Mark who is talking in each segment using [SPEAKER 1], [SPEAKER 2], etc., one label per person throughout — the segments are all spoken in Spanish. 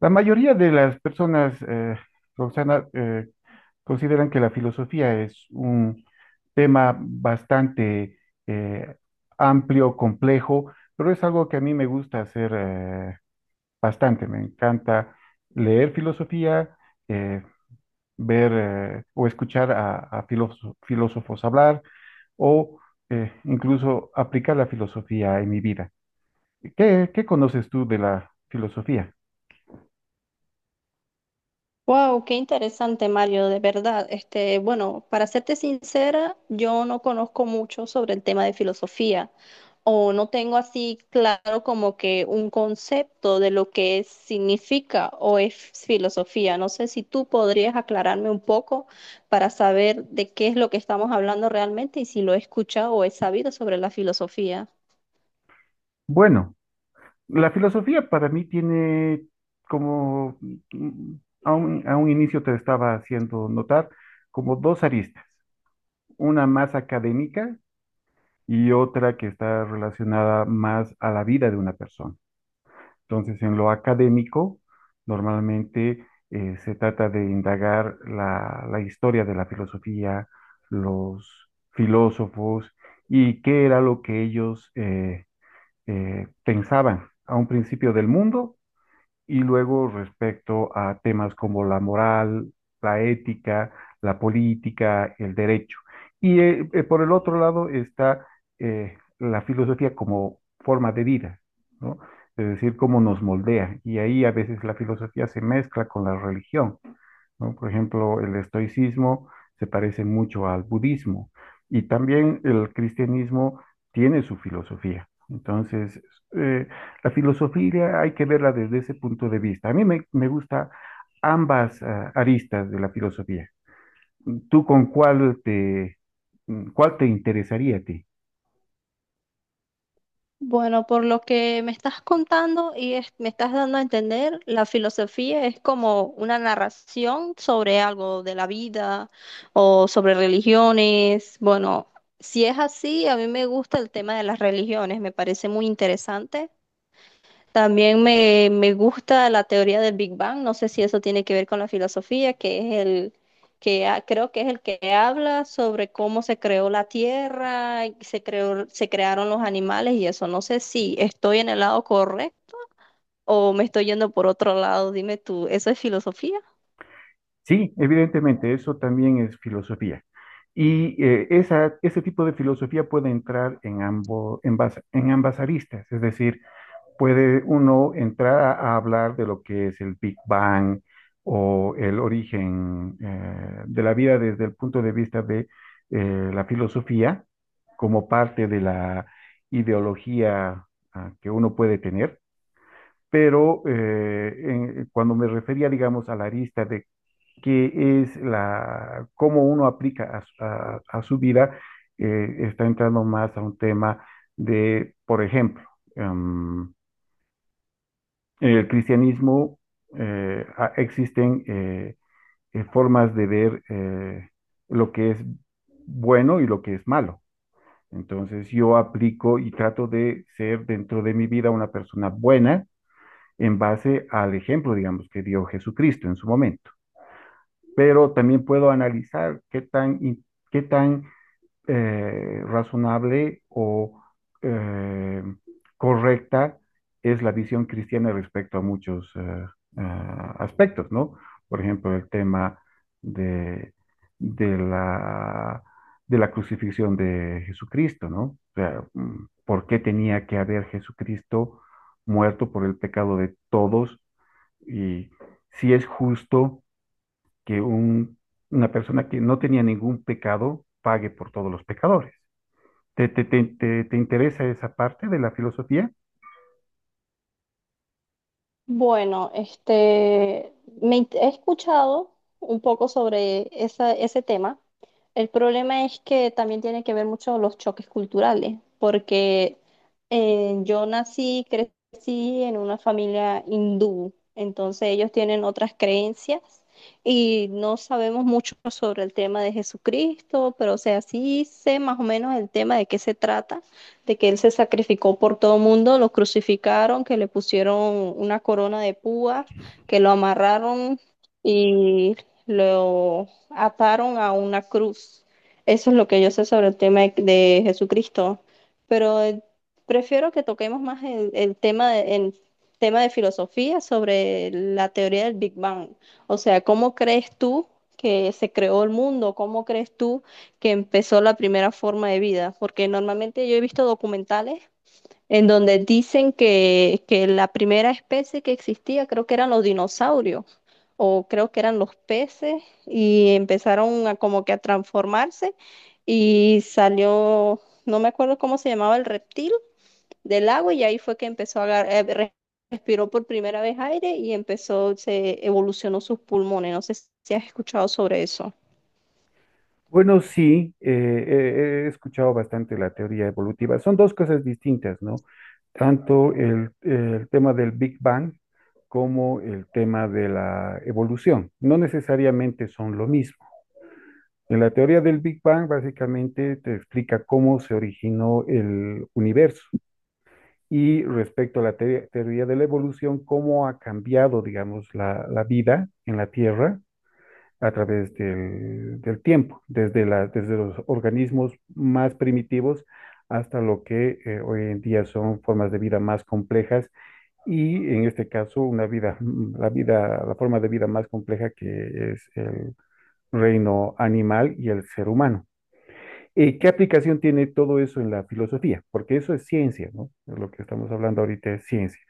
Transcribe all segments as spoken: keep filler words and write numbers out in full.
[SPEAKER 1] La mayoría de las personas, eh, Roxana, eh, consideran que la filosofía es un tema bastante eh, amplio, complejo, pero es algo que a mí me gusta hacer eh, bastante. Me encanta leer filosofía, eh, ver eh, o escuchar a, a filóso- filósofos hablar o eh, incluso aplicar la filosofía en mi vida. ¿Qué, qué conoces tú de la filosofía?
[SPEAKER 2] Wow, qué interesante, Mario, de verdad. Este, bueno, para serte sincera, yo no conozco mucho sobre el tema de filosofía o no tengo así claro como que un concepto de lo que es- significa o es filosofía. No sé si tú podrías aclararme un poco para saber de qué es lo que estamos hablando realmente y si lo he escuchado o he sabido sobre la filosofía.
[SPEAKER 1] Bueno, la filosofía para mí tiene como, mm, a un, a un inicio te estaba haciendo notar, como dos aristas, una más académica y otra que está relacionada más a la vida de una persona. Entonces, en lo académico, normalmente eh, se trata de indagar la, la historia de la filosofía, los filósofos y qué era lo que ellos eh, eh, pensaban a un principio del mundo y luego respecto a temas como la moral, la ética, la política, el derecho. Y eh, eh, por el otro lado está eh, la filosofía como forma de vida, ¿no? Es decir, cómo nos moldea. Y ahí a veces la filosofía se mezcla con la religión. ¿No? Por ejemplo, el estoicismo se parece mucho al budismo y también el cristianismo tiene su filosofía. Entonces, eh, la filosofía hay que verla desde ese punto de vista. A mí me, me gusta ambas ah, aristas de la filosofía. ¿Tú con cuál te, mm, cuál te interesaría a ti?
[SPEAKER 2] Bueno, por lo que me estás contando y es- me estás dando a entender, la filosofía es como una narración sobre algo de la vida o sobre religiones. Bueno, si es así, a mí me gusta el tema de las religiones, me parece muy interesante. También me, me gusta la teoría del Big Bang. No sé si eso tiene que ver con la filosofía, que es el que ha- creo que es el que habla sobre cómo se creó la Tierra, y se creó, se crearon los animales y eso. No sé si estoy en el lado correcto o me estoy yendo por otro lado. Dime tú, ¿eso es filosofía?
[SPEAKER 1] Sí, evidentemente, eso también es filosofía. Y eh, esa, ese tipo de filosofía puede entrar en, ambos, en, bas- en ambas aristas, es decir, puede uno entrar a, a hablar de lo que es el Big Bang o el origen eh, de la vida desde el punto de vista de eh, la filosofía como parte de la ideología ah, que uno puede tener, pero eh, en- cuando me refería, digamos, a la arista de qué es la, cómo uno aplica a, su- a- a su vida, eh, está entrando más a un tema de, por ejemplo, em, en el cristianismo eh, existen eh, eh, formas de ver eh, lo que es bueno y lo que es malo. Entonces yo aplico y trato de ser dentro de mi vida una persona buena en base al ejemplo, digamos, que dio Jesucristo en su momento. Pero también puedo analizar qué tan, qué tan eh, razonable o eh, correcta es la visión cristiana respecto a muchos eh, eh, aspectos, ¿no? Por ejemplo, el tema de, de la, de la crucifixión de Jesucristo, ¿no? O sea, mm, ¿por qué tenía que haber Jesucristo muerto por el pecado de todos? Y si es justo que un- una persona que no tenía ningún pecado pague por todos los pecadores. ¿Te, te, te, te- te interesa esa parte de la filosofía?
[SPEAKER 2] Bueno, este, me int- he escuchado un poco sobre esa- ese tema. El problema es que también tiene que ver mucho los choques culturales, porque eh, yo nací, crecí en una familia hindú, entonces ellos tienen otras creencias y no sabemos mucho sobre el tema de Jesucristo, pero o sea, sí sé más o menos el tema de qué se trata, de que él se sacrificó por todo el mundo, lo crucificaron, que le pusieron una corona de púas, que lo amarraron y lo ataron a una cruz. Eso es lo que yo sé sobre el tema de, de Jesucristo. Pero eh, prefiero que toquemos más el, el tema de, en tema de filosofía sobre la teoría del Big Bang. O sea, ¿cómo crees tú que se creó el mundo? ¿Cómo crees tú que empezó la primera forma de vida? Porque normalmente yo he visto documentales en donde dicen que, que la primera especie que existía, creo que eran los dinosaurios, o creo que eran los peces, y empezaron a como que a transformarse y salió, no me acuerdo cómo se llamaba el reptil del agua, y ahí fue que empezó a agar- eh, re- respiró por primera vez aire y empezó, se evolucionó sus pulmones. No sé si has escuchado sobre eso.
[SPEAKER 1] Bueno, sí, eh, eh, he escuchado bastante la teoría evolutiva. Son dos cosas distintas, ¿no? Tanto el, el tema del Big Bang como el tema de la evolución. No necesariamente son lo mismo. En la teoría del Big Bang, básicamente te explica cómo se originó el universo. Y respecto a la teoría teoría de la evolución, cómo ha cambiado, digamos, la, la vida en la Tierra a través del, del tiempo, desde, la, desde los organismos más primitivos hasta lo que eh, hoy en día son formas de vida más complejas y en este caso una vida, mm, la vida, la forma de vida más compleja que es el reino animal y el ser humano. Eh, ¿Qué aplicación tiene todo eso en la filosofía? Porque eso es ciencia, ¿no? Lo que estamos hablando ahorita es ciencia.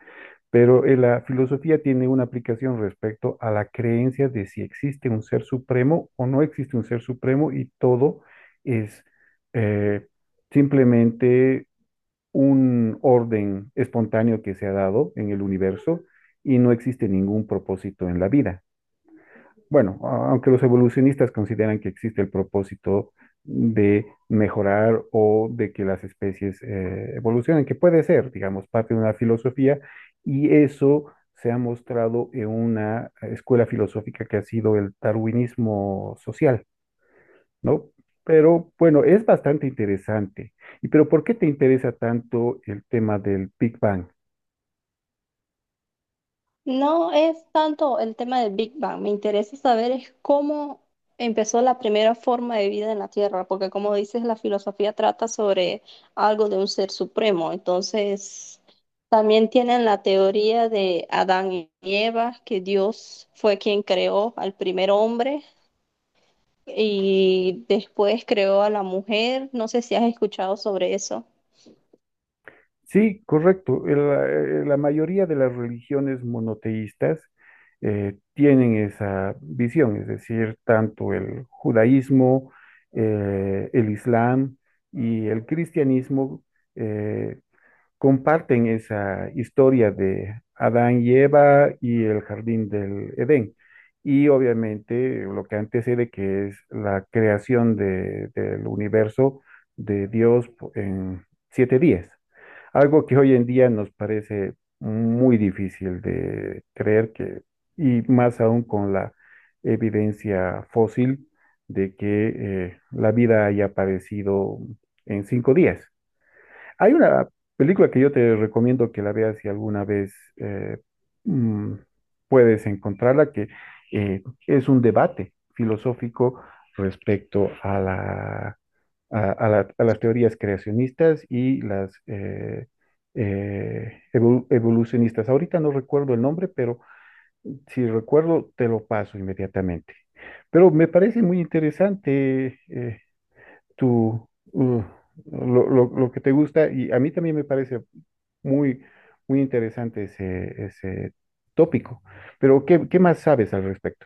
[SPEAKER 1] Pero eh, la filosofía tiene una aplicación respecto a la creencia de si existe un ser supremo o no existe un ser supremo y todo es eh, simplemente un orden espontáneo que se ha dado en el universo y no existe ningún propósito en la vida. Bueno, a- aunque los evolucionistas consideran que existe el propósito de mejorar o de que las especies eh, evolucionen, que puede ser, digamos, parte de una filosofía, y eso se ha mostrado en una escuela filosófica que ha sido el darwinismo social, ¿no? Pero bueno, es bastante interesante. ¿Y pero por qué te interesa tanto el tema del Big Bang?
[SPEAKER 2] No es tanto el tema del Big Bang, me interesa saber es cómo empezó la primera forma de vida en la Tierra, porque como dices, la filosofía trata sobre algo de un ser supremo, entonces también tienen la teoría de Adán y Eva, que Dios fue quien creó al primer hombre y después creó a la mujer. No sé si has escuchado sobre eso.
[SPEAKER 1] Sí, correcto. El- eh, La, mayoría de las religiones monoteístas eh, tienen esa visión, es decir, tanto el judaísmo, eh, el islam y el cristianismo eh, comparten esa historia de Adán y Eva y el jardín del Edén. Y obviamente lo que antecede que es la creación de- del universo de Dios en siete días. Algo que hoy en día nos parece muy difícil de creer que, y más aún con la evidencia fósil de que eh, la vida haya aparecido en cinco días. Hay una película que yo te recomiendo que la veas si alguna vez eh, mm, puedes encontrarla, que eh, es un debate filosófico respecto a la a, a la- a las teorías creacionistas y las eh, eh, evol- evolucionistas. Ahorita no recuerdo el nombre, pero si recuerdo, te lo paso inmediatamente. Pero me parece muy interesante eh, tu, uh, lo, lo- lo que te gusta y a mí también me parece muy, muy interesante ese, ese tópico. Pero, ¿qué, qué más sabes al respecto?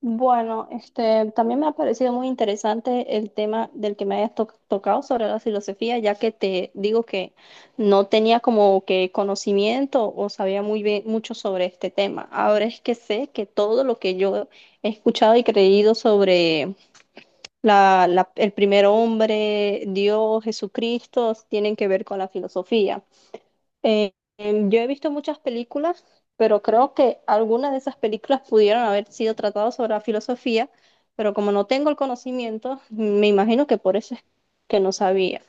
[SPEAKER 2] Bueno, este, también me ha parecido muy interesante el tema del que me hayas to- tocado sobre la filosofía, ya que te digo que no tenía como que conocimiento o sabía muy bien mucho sobre este tema. Ahora es que sé que todo lo que yo he escuchado y creído sobre la, la- el primer hombre, Dios, Jesucristo, tienen que ver con la filosofía. Eh, em, yo he visto muchas películas, pero creo que algunas de esas películas pudieron haber sido tratadas sobre la filosofía, pero como no tengo el conocimiento, me imagino que por eso es que no sabía.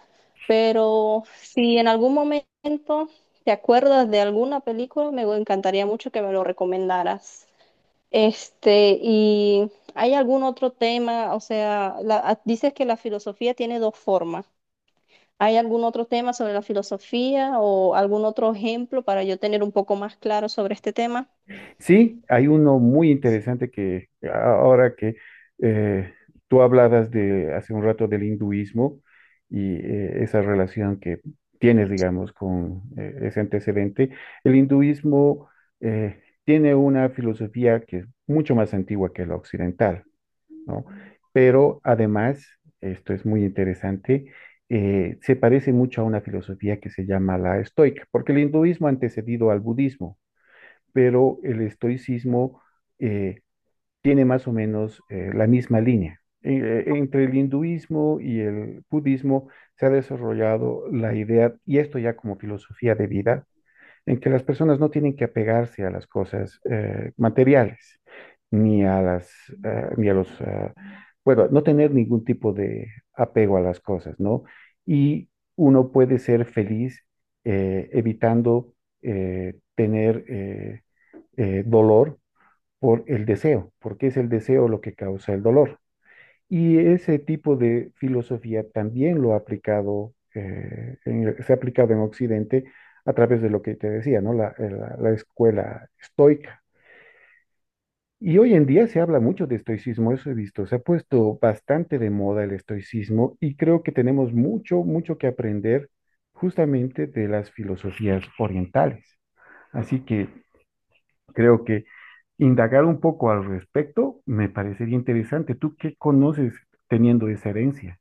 [SPEAKER 2] Pero si en algún momento te acuerdas de alguna película, me encantaría mucho que me lo recomendaras. Este, ¿y hay algún otro tema? O sea, la- ah, dices que la filosofía tiene dos formas. ¿Hay algún otro tema sobre la filosofía o algún otro ejemplo para yo tener un poco más claro sobre este tema?
[SPEAKER 1] Sí, hay uno muy interesante que ahora que eh, tú hablabas de hace un rato del hinduismo y eh, esa relación que tienes, digamos, con eh, ese antecedente, el hinduismo eh, tiene una filosofía que es mucho más antigua que la occidental, ¿no? Pero además, esto es muy interesante, eh, se parece mucho a una filosofía que se llama la estoica, porque el hinduismo ha antecedido al budismo pero el estoicismo eh, tiene más o menos eh, la misma línea. E- entre el hinduismo y el budismo se ha desarrollado la idea, y esto ya como filosofía de vida, en que las personas no tienen que apegarse a las cosas eh, materiales, ni a las, eh, ni a los, eh, bueno, no tener ningún tipo de apego a las cosas, ¿no? Y uno puede ser feliz eh, evitando eh, tener eh, eh, dolor por el deseo, porque es el deseo lo que causa el dolor. Y ese tipo de filosofía también lo ha aplicado, eh, en- se ha aplicado en Occidente a través de lo que te decía, ¿no? La, eh, la- la escuela estoica. Y hoy en día se habla mucho de estoicismo, eso he visto, se ha puesto bastante de moda el estoicismo y creo que tenemos mucho, mucho que aprender justamente de las filosofías orientales. Así que creo que indagar un poco al respecto me parecería interesante. ¿Tú qué conoces teniendo esa herencia?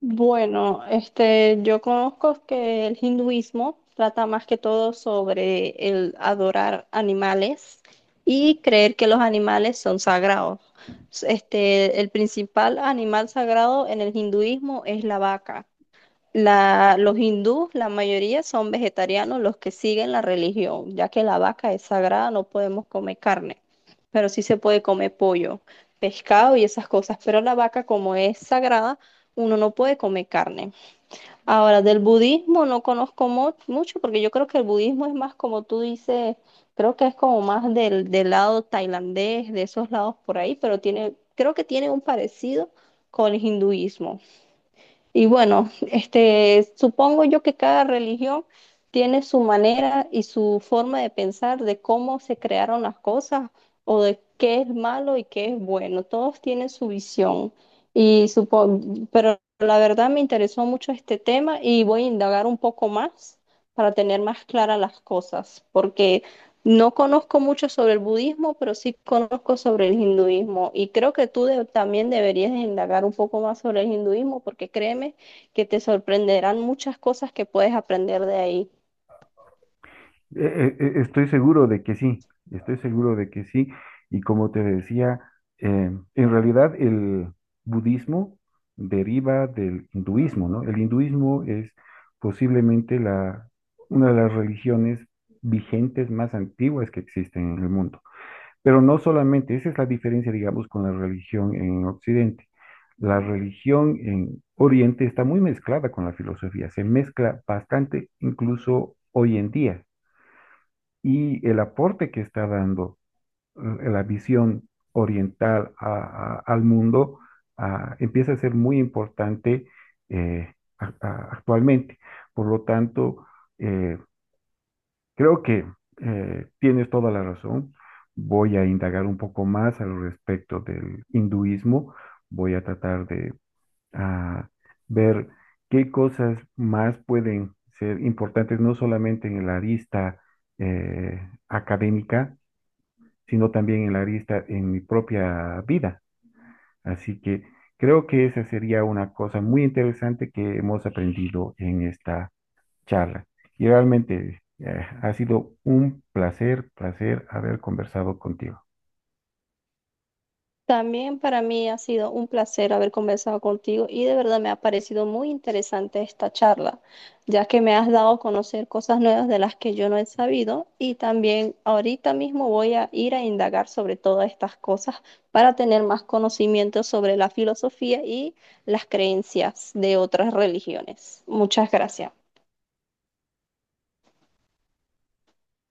[SPEAKER 2] Bueno, este, yo conozco que el hinduismo trata más que todo sobre el adorar animales y creer que los animales son sagrados. Este, el principal animal sagrado en el hinduismo es la vaca. La, los hindús, la mayoría son vegetarianos los que siguen la religión, ya que la vaca es sagrada, no podemos comer carne, pero sí se puede comer pollo, pescado y esas cosas, pero la vaca como es sagrada, uno no puede comer carne. Ahora, del budismo no conozco mo- mucho porque yo creo que el budismo es más como tú dices, creo que es como más del, del lado tailandés, de esos lados por ahí, pero tiene, creo que tiene un parecido con el hinduismo. Y bueno, este, supongo yo que cada religión tiene su manera y su forma de pensar de cómo se crearon las cosas o de qué es malo y qué es bueno. Todos tienen su visión. Y supo- pero la verdad me interesó mucho este tema y voy a indagar un poco más para tener más claras las cosas, porque no conozco mucho sobre el budismo, pero sí conozco sobre el hinduismo y creo que tú de- también deberías indagar un poco más sobre el hinduismo porque créeme que te sorprenderán muchas cosas que puedes aprender de ahí.
[SPEAKER 1] Eh, eh, eh, estoy seguro de que sí, estoy seguro de que sí. Y como te decía, eh, en realidad el budismo deriva del hinduismo, ¿no? El hinduismo es posiblemente la, una de las religiones vigentes más antiguas que existen en el mundo. Pero no solamente, esa es la diferencia, digamos, con la religión en Occidente. La religión en Oriente está muy mezclada con la filosofía, se mezcla bastante incluso hoy en día. Y el aporte que está dando eh, la visión oriental a- a- al mundo ah, empieza a ser muy importante eh, a- a- actualmente. Por lo tanto, eh, creo que eh, tienes toda la razón. Voy a indagar un poco más al respecto del hinduismo. Voy a tratar de ah, ver qué cosas más pueden ser importantes, no solamente en la arista eh, académica, sino también en la arista en mi propia vida. Así que creo que esa sería una cosa muy interesante que hemos aprendido en esta charla. Y realmente eh, ha sido un placer, placer haber conversado contigo.
[SPEAKER 2] También para mí ha sido un placer haber conversado contigo y de verdad me ha parecido muy interesante esta charla, ya que me has dado a conocer cosas nuevas de las que yo no he sabido y también ahorita mismo voy a ir a indagar sobre todas estas cosas para tener más conocimiento sobre la filosofía y las creencias de otras religiones. Muchas gracias.